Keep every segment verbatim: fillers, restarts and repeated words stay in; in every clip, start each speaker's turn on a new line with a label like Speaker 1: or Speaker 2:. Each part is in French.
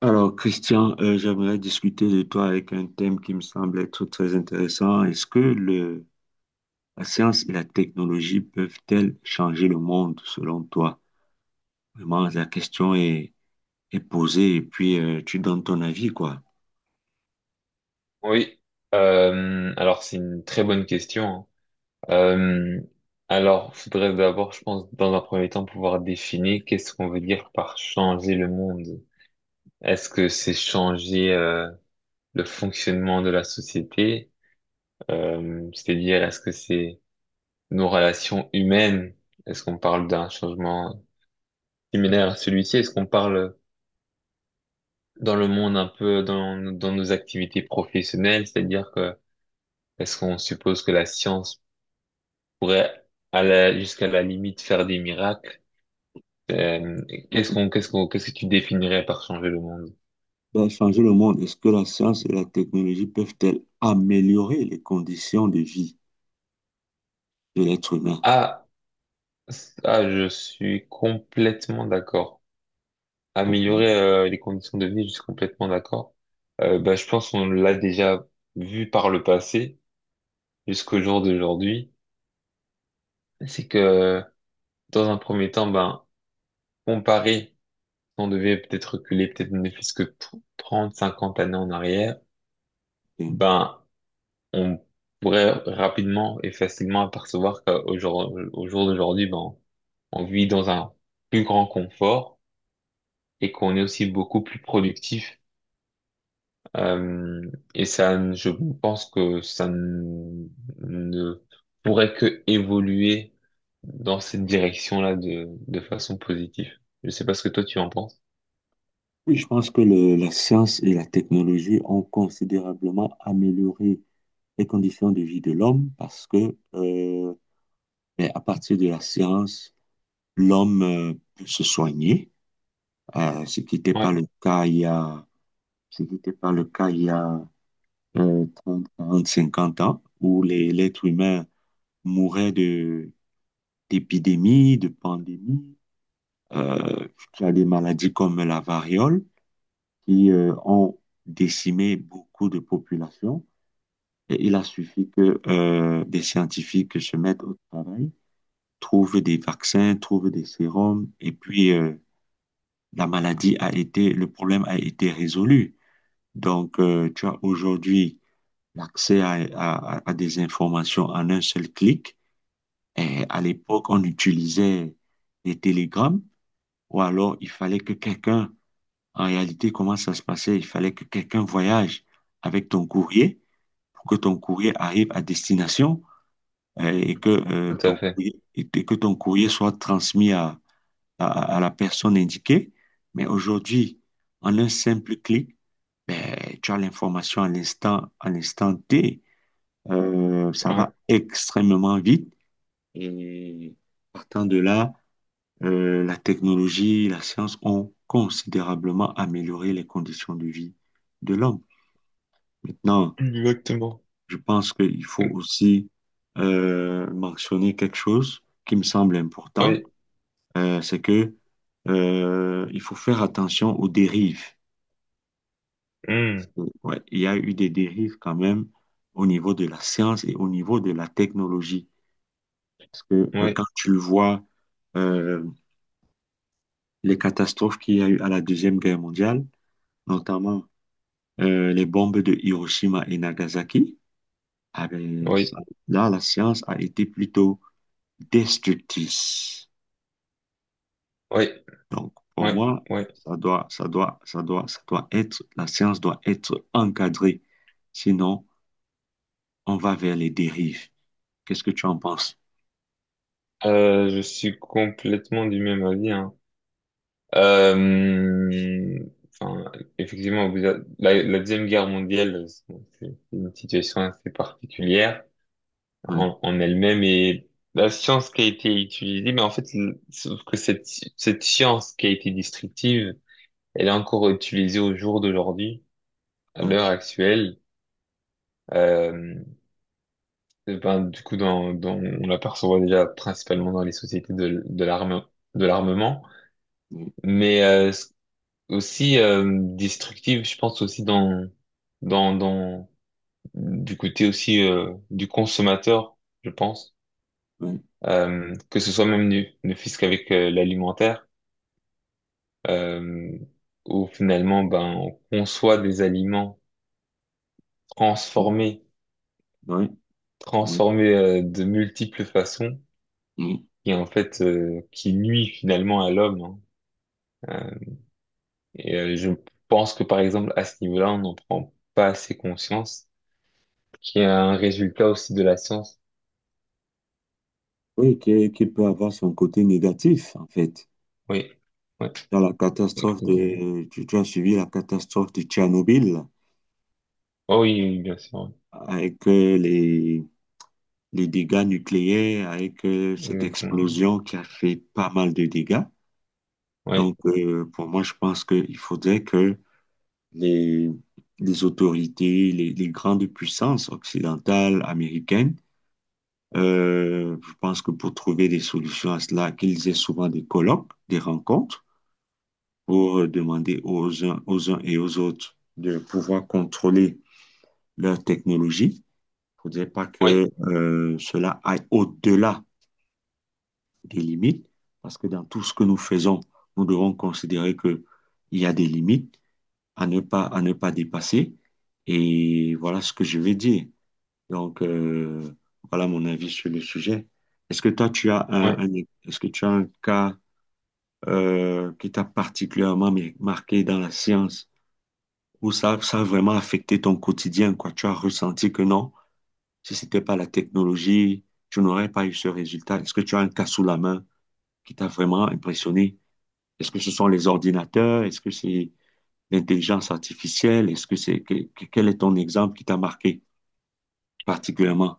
Speaker 1: Alors, Christian, euh, j'aimerais discuter de toi avec un thème qui me semble être très intéressant. Est-ce que le, la science et la technologie peuvent-elles changer le monde selon toi? Vraiment, la question est, est posée et puis euh, tu donnes ton avis, quoi.
Speaker 2: Oui, euh, alors c'est une très bonne question, hein. Euh, alors, faudrait d'abord, je pense, dans un premier temps, pouvoir définir qu'est-ce qu'on veut dire par changer le monde. Est-ce que c'est changer euh, le fonctionnement de la société? Euh, c'est-à-dire, est-ce que c'est nos relations humaines? Est-ce qu'on parle d'un changement similaire à celui-ci? Est-ce qu'on parle dans le monde un peu dans, dans nos activités professionnelles? C'est-à-dire que est-ce qu'on suppose que la science pourrait à la, jusqu'à la limite faire des miracles. Euh, qu'est-ce qu'on, qu'est-ce qu'on, qu'est-ce que tu définirais par changer le monde?
Speaker 1: Ben, changer le monde, est-ce que la science et la technologie peuvent-elles améliorer les conditions de vie de l'être humain?
Speaker 2: Ah, ça, je suis complètement d'accord.
Speaker 1: Ok.
Speaker 2: Améliorer euh, les conditions de vie, je suis complètement d'accord. Euh, bah, je pense qu'on l'a déjà vu par le passé jusqu'au jour d'aujourd'hui. C'est que dans un premier temps, ben, comparé, on devait peut-être reculer peut-être ne plus que trente, cinquante années en arrière,
Speaker 1: Ok.
Speaker 2: ben, on pourrait rapidement et facilement apercevoir qu'au jour, au jour d'aujourd'hui, ben, on vit dans un plus grand confort et qu'on est aussi beaucoup plus productif. Euh, et ça, ne- je pense que ça ne ne pourrait que évoluer dans cette direction-là de, de façon positive. Je sais pas ce que toi tu en penses.
Speaker 1: Oui, je pense que le- la science et la technologie ont considérablement amélioré les conditions de vie de l'homme parce que euh, ben, à partir de la science, l'homme euh, peut se soigner, euh, ce qui n'était pas
Speaker 2: Ouais,
Speaker 1: le cas il y a, ce qui n'était pas le cas il y a euh, trente, quarante, cinquante ans, où les- l'être humain mourait de, d'épidémies, de pandémies, euh, tu a des maladies comme la variole qui euh, ont décimé beaucoup de populations. Et il a suffi que euh, des scientifiques se mettent au travail trouve des vaccins, trouve des sérums, et puis euh, la maladie a été, le problème a été résolu. Donc, euh, tu as aujourd'hui l'accès à, à, à des informations en un seul clic. Et à l'époque, on utilisait les télégrammes, ou alors il fallait que quelqu'un, en réalité, comment ça se passait? Il fallait que quelqu'un voyage avec ton courrier pour que ton courrier arrive à destination euh, et que, euh,
Speaker 2: tout à
Speaker 1: ton
Speaker 2: fait.
Speaker 1: courrier, et que ton courrier soit transmis à, à, à la personne indiquée. Mais aujourd'hui, en un simple clic, ben, tu as l'information à l'instant, à l'instant T. Euh, ça
Speaker 2: Ouais,
Speaker 1: va extrêmement vite. Et partant de là, euh, la technologie, la science ont considérablement amélioré les conditions de vie de l'homme. Maintenant,
Speaker 2: exactement.
Speaker 1: je pense qu'il faut aussi euh, mentionner quelque chose qui me semble important,
Speaker 2: Oui.
Speaker 1: euh, c'est que euh, il faut faire attention aux dérives.
Speaker 2: Hmm.
Speaker 1: Ouais, il y a eu des dérives quand même au niveau de la science et au niveau de la technologie. Parce que euh,
Speaker 2: Oui,
Speaker 1: quand tu vois euh, les catastrophes qu'il y a eu à la Deuxième Guerre mondiale, notamment euh, les bombes de Hiroshima et Nagasaki, ah ben,
Speaker 2: oui,
Speaker 1: ça- là, la science a été plutôt destructrice.
Speaker 2: oui,
Speaker 1: Donc, pour
Speaker 2: oui,
Speaker 1: moi,
Speaker 2: oui.
Speaker 1: ça doit, ça doit, ça doit, ça doit être, la science doit être encadrée. Sinon, on va vers les dérives. Qu'est-ce que tu en penses?
Speaker 2: Euh, je suis complètement du même avis, hein. Euh, enfin, effectivement, vous a- la, la Deuxième Guerre mondiale, c'est c'est une situation assez particulière
Speaker 1: Ouais.
Speaker 2: en, en elle-même, et la science qui a été utilisée, mais en fait, le- sauf que cette, cette science qui a été destructive, elle est encore utilisée au jour d'aujourd'hui, à
Speaker 1: Ouais,
Speaker 2: l'heure actuelle. Euh, ben, du coup, dans, dans, on l'aperçoit déjà principalement dans les sociétés de, de l'arme, de l'armement.
Speaker 1: ouais,
Speaker 2: Mais euh, aussi euh, destructive, je pense aussi dans dans dans du côté aussi euh, du consommateur, je pense.
Speaker 1: ouais,
Speaker 2: Euh, que ce soit même nu ne fût-ce qu'avec euh, l'alimentaire, euh, où finalement ben on conçoit des aliments
Speaker 1: ouais,
Speaker 2: transformés,
Speaker 1: ouais, ouais,
Speaker 2: transformés euh, de multiples façons,
Speaker 1: ouais.
Speaker 2: et en fait euh, qui nuit finalement à l'homme, hein. Euh, et euh, je pense que par exemple à ce niveau-là, on n'en prend pas assez conscience, qui est un résultat aussi de la science.
Speaker 1: Oui, qui, qui peut avoir son côté négatif, en fait.
Speaker 2: Oui. Ouais.
Speaker 1: Dans la catastrophe
Speaker 2: Euh,
Speaker 1: de, tu, tu as suivi la catastrophe de Tchernobyl,
Speaker 2: Oh oui, oui, bien sûr.
Speaker 1: avec euh, les, les dégâts nucléaires, avec euh,
Speaker 2: Oui,
Speaker 1: cette
Speaker 2: exactement.
Speaker 1: explosion qui a fait pas mal de dégâts.
Speaker 2: Oui.
Speaker 1: Donc, euh, pour moi, je pense qu'il faudrait que les, les autorités, les, les grandes puissances occidentales, américaines. Euh, je pense que pour trouver des solutions à cela, qu'ils aient souvent des colloques, des rencontres, pour euh, demander aux uns, aux uns et aux autres de pouvoir contrôler leur technologie. Il ne faudrait pas
Speaker 2: Oui.
Speaker 1: que euh, cela aille au-delà des limites, parce que dans tout ce que nous faisons, nous devons considérer qu'il y a des limites à ne pas, à ne pas dépasser. Et voilà ce que je vais dire. Donc, euh, voilà mon avis sur le sujet. Est-ce que toi, tu as un,
Speaker 2: Ouais.
Speaker 1: un- Est-ce que tu as un cas euh, qui t'a particulièrement mar- marqué dans la science où ça, ça a vraiment affecté ton quotidien, quoi? Tu as ressenti que non, si c'était pas la technologie, tu n'aurais pas eu ce résultat. Est-ce que tu as un cas sous la main qui t'a vraiment impressionné? Est-ce que ce sont les ordinateurs? Est-ce que c'est l'intelligence artificielle? Est-ce que c'est que- que- quel est ton exemple qui t'a marqué particulièrement?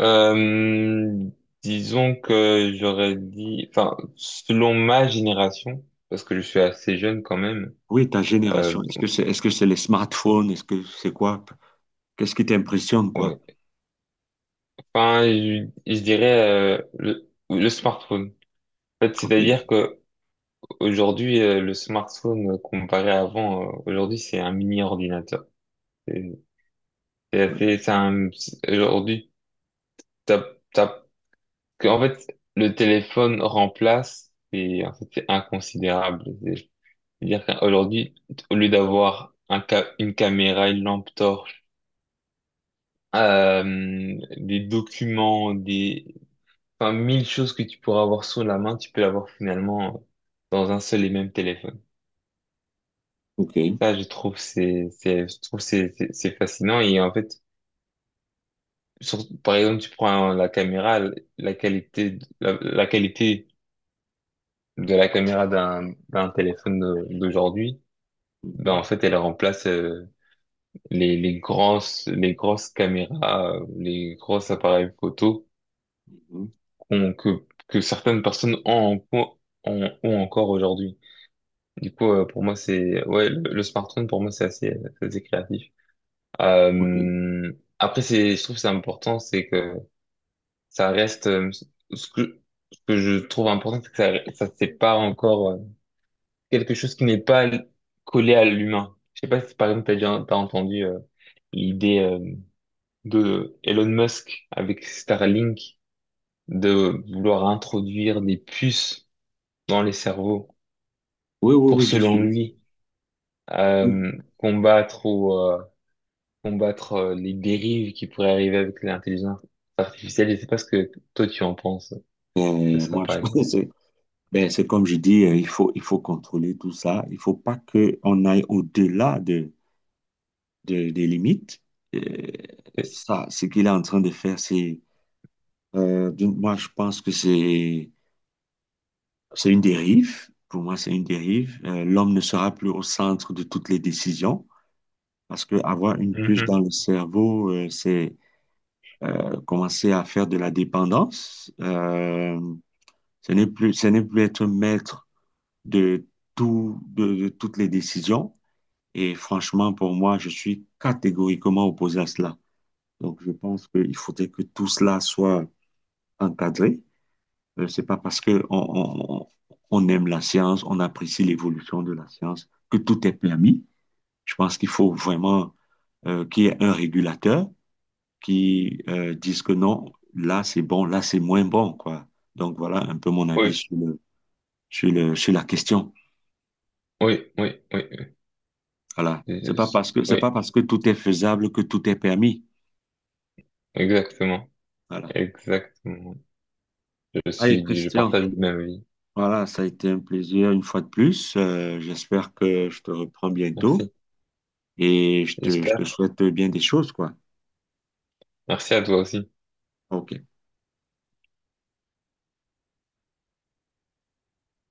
Speaker 2: Euh, Disons que j'aurais dit, enfin, selon ma génération, parce que je suis assez jeune quand même,
Speaker 1: Oui, ta
Speaker 2: euh,
Speaker 1: génération, est-ce que c'est est-ce que c'est les smartphones, est-ce que c'est quoi? Qu'est-ce qui t'impressionne, quoi?
Speaker 2: ouais. Enfin, je, je dirais euh, le, le smartphone. En fait,
Speaker 1: Ok. Ouais.
Speaker 2: c'est-à-dire que aujourd'hui, euh, le smartphone euh, comparé à avant, euh, aujourd'hui, c'est un mini ordinateur. C'est c'est assez, c'est un, c'est- aujourd'hui, t'as, que, en fait, le téléphone remplace, c'est, en fait, c'est inconsidérable. C'est-à-dire qu'aujourd'hui, au lieu d'avoir un ca- une caméra, une lampe torche, euh, des documents, des, enfin, mille choses que tu pourras avoir sous la main, tu peux l'avoir finalement dans un seul et même téléphone.
Speaker 1: Ok.
Speaker 2: Ça, je trouve, c'est, c'est, je trouve, c'est, c'est c'est fascinant. Et en fait, sur- par exemple, tu prends la caméra, la qualité, la, la qualité de la caméra d'un, d'un téléphone de- d'aujourd'hui, ben,
Speaker 1: Mhm.
Speaker 2: en fait, elle remplace euh, les, les grosses, les grosses caméras, euh, les gros appareils photo
Speaker 1: Mhm.
Speaker 2: qu'on- que, que certaines personnes ont, en- ont, ont encore aujourd'hui. Du coup, euh, pour moi, c'est, ouais, le, le smartphone, pour moi, c'est assez, c'est assez créatif.
Speaker 1: Ok.
Speaker 2: Euh, Après, c'est, je trouve que c'est important, c'est que ça reste, euh, ce que, ce que je trouve important, c'est que ça, ça, c'est pas encore euh, quelque chose qui n'est pas collé à l'humain. Je sais pas si, par exemple, t'as déjà, t'as entendu, euh, l'idée euh, de Elon Musk avec Starlink de vouloir introduire des puces dans les cerveaux
Speaker 1: Oui, oui,
Speaker 2: pour,
Speaker 1: oui, je
Speaker 2: selon
Speaker 1: suis.
Speaker 2: lui, euh,
Speaker 1: Oui.
Speaker 2: combattre ou euh, combattre euh, les dérives qui pourraient arriver avec l'intelligence artificielle. Je sais pas ce que toi tu en penses de
Speaker 1: Euh,
Speaker 2: ça,
Speaker 1: moi, je
Speaker 2: par
Speaker 1: pense que
Speaker 2: exemple.
Speaker 1: c'est ben, c'est comme je dis, euh, il faut, il faut contrôler tout ça. Il faut pas qu'on aille au-delà de, de- des limites. Euh,
Speaker 2: Et-
Speaker 1: ça, ce qu'il est en train de faire, c'est. Euh, d'une- moi, je pense que c'est c'est une dérive. Pour moi, c'est une dérive. Euh, l'homme ne sera plus au centre de toutes les décisions. Parce que avoir une puce dans
Speaker 2: Mhm.
Speaker 1: le cerveau, euh, c'est euh, commencer à faire de la dépendance. Euh, ce n'est plus, ce n'est plus être maître de tout, de, de toutes les décisions. Et franchement, pour moi, je suis catégoriquement opposé à cela. Donc, je pense qu'il faudrait que tout cela soit encadré. Euh, c'est pas parce que on, on, on aime la science, on apprécie l'évolution de la science, que tout est permis. Je pense qu'il faut vraiment euh, qu'il y ait un régulateur qui euh, disent que non, là c'est bon, là c'est moins bon, quoi. Donc voilà un peu mon avis
Speaker 2: Oui,
Speaker 1: sur le, sur le, sur la question.
Speaker 2: oui, oui, oui.
Speaker 1: Voilà.
Speaker 2: Je-
Speaker 1: C'est pas
Speaker 2: je-
Speaker 1: parce que, c'est pas
Speaker 2: oui,
Speaker 1: parce que tout est faisable que tout est permis.
Speaker 2: exactement,
Speaker 1: Voilà.
Speaker 2: exactement. Je
Speaker 1: Allez,
Speaker 2: suis, je
Speaker 1: Christian,
Speaker 2: partage le même avis.
Speaker 1: voilà, ça a été un plaisir une fois de plus. Euh, j'espère que je te reprends bientôt
Speaker 2: Merci.
Speaker 1: et je te, je te
Speaker 2: J'espère.
Speaker 1: souhaite bien des choses, quoi.
Speaker 2: Merci à toi aussi.
Speaker 1: OK.